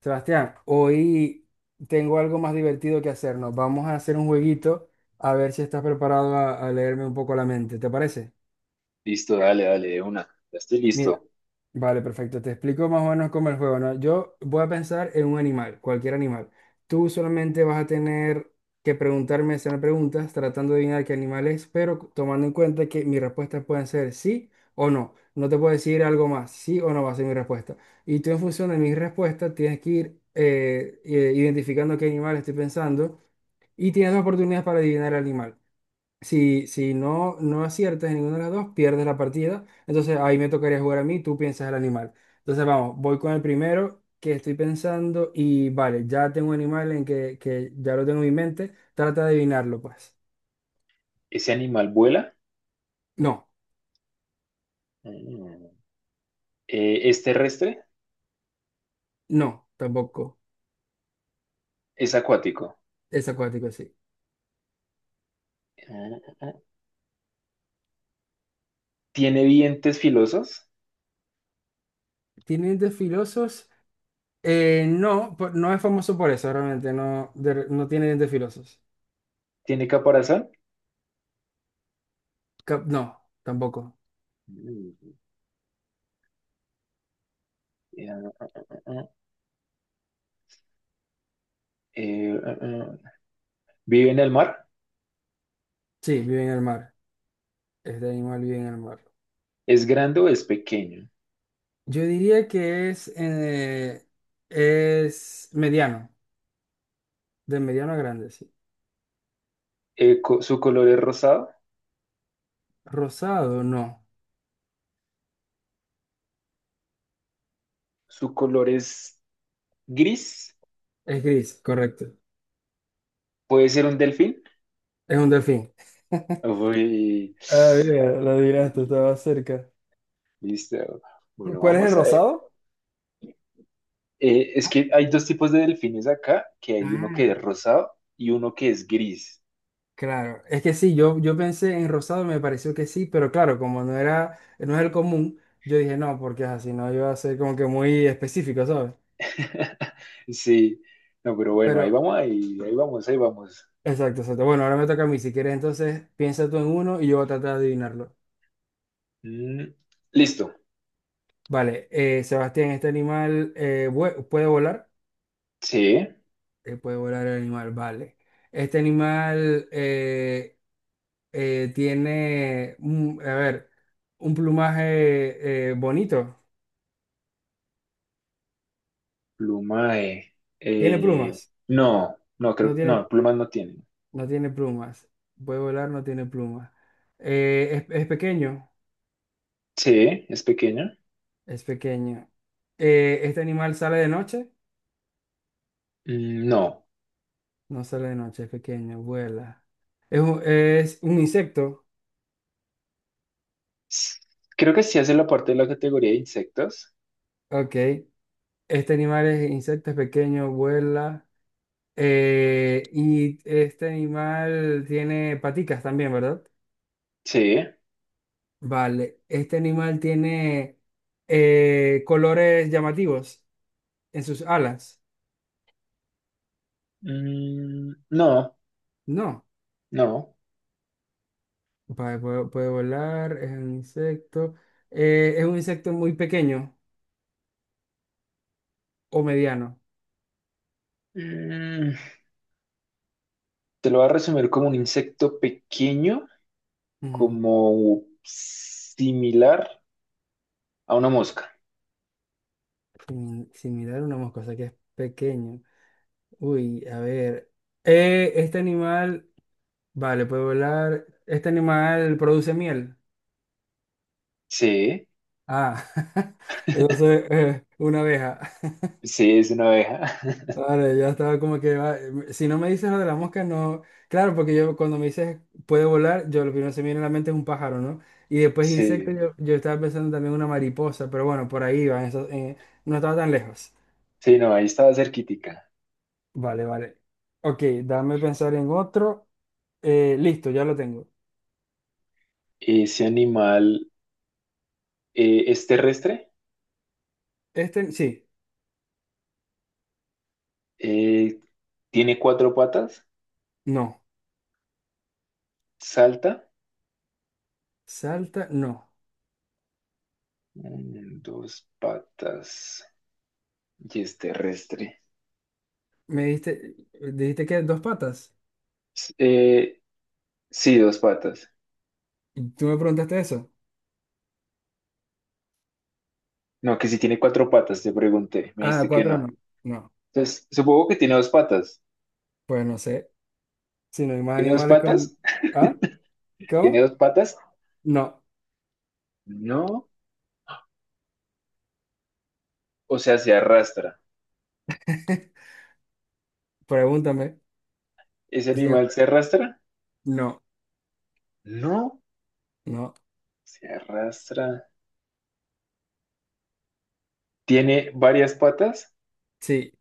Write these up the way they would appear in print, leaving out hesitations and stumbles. Sebastián, hoy tengo algo más divertido que hacernos. Vamos a hacer un jueguito a ver si estás preparado a leerme un poco la mente. ¿Te parece? Listo, dale, dale, de una. Ya estoy Mira. listo. Vale, perfecto. Te explico más o menos cómo es el juego, ¿no? Yo voy a pensar en un animal, cualquier animal. Tú solamente vas a tener que preguntarme, hacer preguntas, tratando de adivinar qué animal es, pero tomando en cuenta que mis respuestas pueden ser sí o no. No te puedo decir algo más, sí o no va a ser mi respuesta. Y tú en función de mis respuestas tienes que ir identificando qué animal estoy pensando y tienes dos oportunidades para adivinar el animal. Si no, no aciertas en ninguna de las dos, pierdes la partida. Entonces ahí me tocaría jugar a mí, tú piensas el animal. Entonces vamos, voy con el primero que estoy pensando y vale, ya tengo un animal en que ya lo tengo en mi mente. Trata de adivinarlo, pues. ¿Ese animal vuela? No, Mm. ¿Es terrestre? no, tampoco. ¿Es acuático? Es acuático, sí. Mm. ¿Tiene dientes filosos? ¿Tiene dientes filosos? No, no es famoso por eso, realmente. No, no tiene dientes filosos. ¿Tiene caparazón? No, tampoco. Mm. Eh, eh, eh, ¿Vive en el mar? Sí, vive en el mar. Este animal vive en el mar. ¿Es grande o es pequeño? Yo diría que es mediano, de mediano a grande, sí. ¿Su color es rosado? Rosado, no. ¿Su color es gris? Es gris, correcto. ¿Puede ser un delfín? Es un delfín. Uy, Ah, mira, lo adivinaste, estaba cerca. listo. Bueno, ¿Cuál es el vamos a. rosado? Es que hay dos tipos de delfines acá, que hay uno Ah, que es rosado y uno que es gris. claro, es que sí, yo pensé en rosado, me pareció que sí, pero claro, como no era, no es el común, yo dije no, porque así, no iba a ser como que muy específico, ¿sabes? Sí, no, pero bueno, Pero, ahí vamos, ahí vamos. exacto, exacto. Bueno, ahora me toca a mí, si quieres, entonces piensa tú en uno y yo voy a tratar de adivinarlo. Mm, listo. Vale, Sebastián, este animal puede volar. Sí, Puede volar el animal, vale. Este animal tiene, a ver, un plumaje bonito. pluma de... Tiene eh, plumas. no, no, No creo, tiene, no, plumas no tiene. no tiene plumas. Puede volar, no tiene plumas. Es pequeño. Sí, es pequeña. Es pequeño. Este animal sale de noche. Mm, no. No sale de noche, es pequeño, vuela. Es un insecto. S- Creo que sí hace la parte de la categoría de insectos. Ok. Este animal es insecto, es pequeño, vuela. Eh, y este animal tiene paticas también, ¿verdad? Sí. Vale. Este animal tiene colores llamativos en sus alas. Mm, no, No. no. Vale, puede volar, es un insecto. Eh, es un insecto muy pequeño o mediano. Mm, te lo voy a resumir como un insecto pequeño, Ujú. como similar a una mosca. Similar a una mosca, o sea que es pequeño. Uy, a ver. Este animal, vale, puede volar. ¿Este animal produce miel? Sí, Ah, entonces, una abeja. sí, es una abeja. Vale, ya estaba como que si no me dices lo de la mosca, no. Claro, porque yo cuando me dices puede volar, yo lo primero que se me viene a la mente es un pájaro, ¿no? Y después insecto, Sí, yo estaba pensando también una mariposa, pero bueno, por ahí va, eso, no estaba tan lejos. sí, no, ahí estaba cerquítica. Vale, vale. Ok, dame pensar en otro. Listo, ya lo tengo. Ese animal es terrestre, Este, sí, eh, tiene cuatro patas, no. salta, Salta, no. mm, dos patas, y es terrestre. Me dijiste, dijiste que dos patas. S- eh, sí, dos patas. Y tú me preguntaste eso. No, que si tiene cuatro patas, te pregunté, me Ah, dijiste que cuatro no. no. No, Entonces, supongo que tiene dos patas. pues no sé. Si no hay más ¿Tiene dos animales patas? con... ¿Ah? ¿Tiene ¿Cómo? dos patas? No. No. O sea, se arrastra. Pregúntame. ¿Ese animal Siempre. se arrastra? No, No, no. se arrastra. ¿Tiene varias patas? Sí,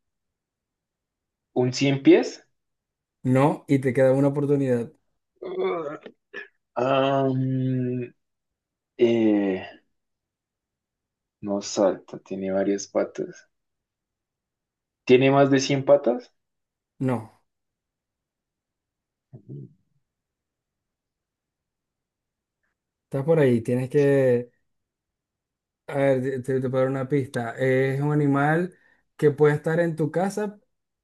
¿Un cien pies? no. Y te queda una oportunidad. Ugh. Am, eh, no salta, tiene varias patas. ¿Tiene más de 100 patas? No. Estás por ahí. Tienes que... A ver, te puedo dar una pista. Es un animal que puede estar en tu casa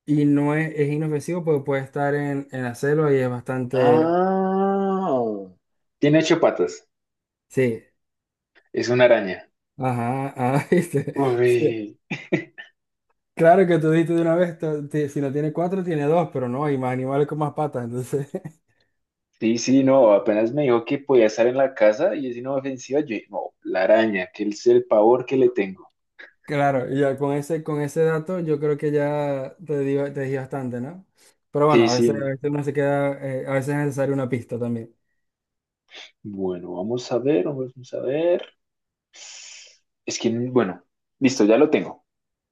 y no es, es inofensivo, pero puede estar en la selva y es bastante... Ah, tiene ocho patas. Sí. Es una araña. Ajá, ah, viste. Sí, Uy, claro que tú dijiste de una vez, si no tiene cuatro, tiene dos, pero no, hay más animales con más patas, entonces, sí, sí, no, apenas me dijo que podía estar en la casa y es inofensiva. Yo, dije, no, la araña, que es el pavor que le tengo. claro, y ya con ese dato yo creo que ya te di bastante, ¿no? Pero Sí, bueno, a sí. veces uno se queda, a veces es necesaria una pista también. Bueno, vamos a ver, vamos a ver. Es que, bueno, listo, ya lo tengo.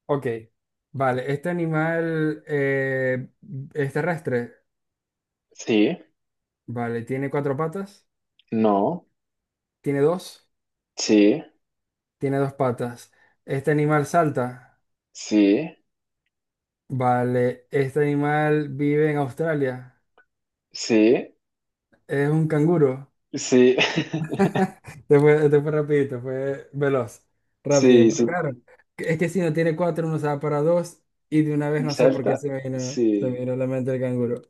Ok, vale, este animal es terrestre, Sí, vale, tiene cuatro patas, no, tiene dos, sí, tiene dos patas. Este animal salta, sí, vale, este animal vive en Australia. sí, Es un canguro. sí, te fue rapidito, fue veloz, rápido. sí, Pero sí. claro, es que si no tiene cuatro, uno se va para dos y de una vez Y no sé por qué salta, se me sí. vino a la mente el canguro.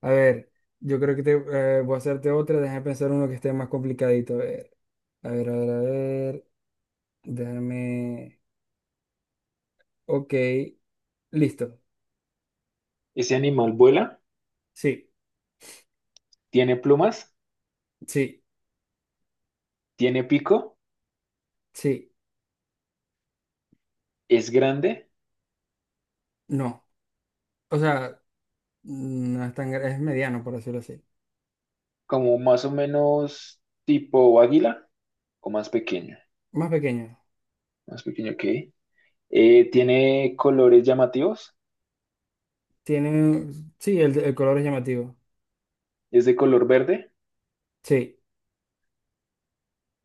A ver, yo creo que te, voy a hacerte otra, déjame pensar uno que esté más complicadito. A ver, a ver, a ver, a ver, déjame... Ok, listo. Ese animal vuela, Sí, tiene plumas, sí, tiene pico, sí, es grande, no. O sea, no es tan... es mediano, por decirlo así. como más o menos tipo águila o Más pequeño. más pequeño que. Tiene colores llamativos, Tiene, sí, el color es llamativo. es de color verde, Sí,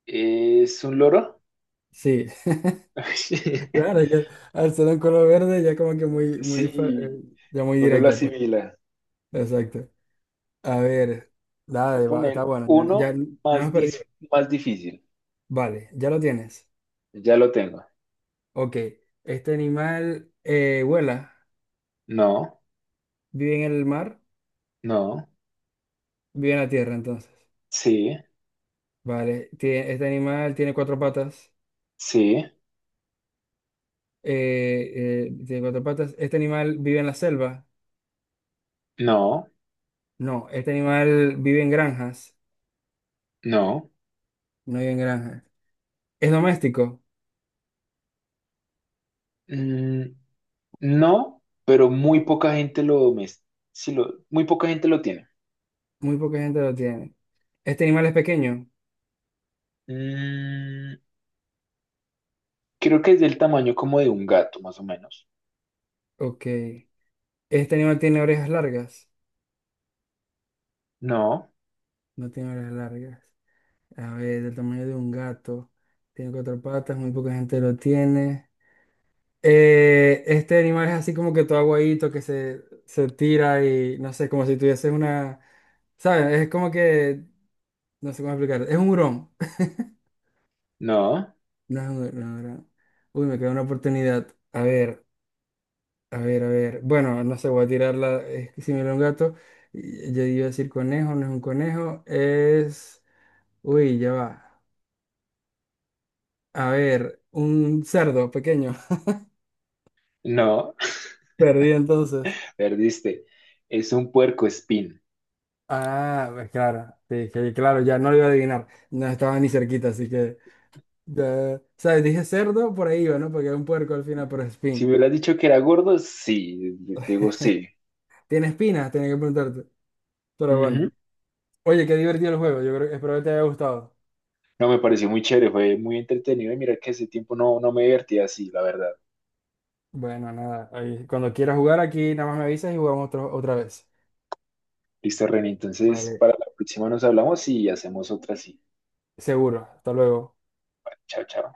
es un loro. sí. Claro, es que al ser un color verde ya como que muy, muy, Sí, ya muy uno lo directo, pues. asimila. Exacto. A ver, Voy a dale, está poner bueno, ya, uno ya no más, has perdido. más difícil. Vale, ya lo tienes. Ya lo tengo. Ok, este animal vuela, No, vive en el mar, no, vive en la tierra, entonces. sí, Vale, este animal tiene cuatro patas. sí, Tiene cuatro patas. Este animal vive en la selva. no, No, este animal vive en granjas. no. No vive en granjas. Es doméstico. Mm, no, pero muy No, poca gente lo, sí muy poca gente lo tiene. muy poca gente lo tiene. ¿Este animal es pequeño? Mm, creo que es del tamaño como de un gato, más o menos. Ok. ¿Este animal tiene orejas largas? No, No tiene orejas largas. A ver, del tamaño de un gato. Tiene cuatro patas, muy poca gente lo tiene. Este animal es así como que todo aguadito que se tira y no sé, como si tuviese una. ¿Sabes? Es como que. No sé cómo explicar. Es un hurón. no, No es un hurón. Uy, me queda una oportunidad. A ver. A ver, a ver. Bueno, no sé, voy a tirarla. Es que si me era un gato, yo iba a decir conejo, no es un conejo, es... Uy, ya va. A ver, un cerdo pequeño. no. Perdí entonces. Perdiste. Es un puercoespín. Ah, pues claro, sí, que claro, ya no lo iba a adivinar. No estaba ni cerquita, así que... ¿Sabes? Dije cerdo, por ahí iba, ¿no? Porque era un puerco al final, pero es Si me espín. hubieras dicho que era gordo, sí, digo sí. ¿Tiene espinas? Tenía que preguntarte. Pero Ujú. bueno. Oye, qué divertido el juego. Yo creo que espero que te haya gustado. No, me pareció muy chévere, fue muy entretenido y mira que ese tiempo no, no me divertía así, la verdad. Bueno, nada, ahí, cuando quieras jugar aquí, nada más me avisas y jugamos otra vez. Listo, René, entonces Vale, para la próxima nos hablamos y hacemos otra así. seguro. Hasta luego. Chao, chao.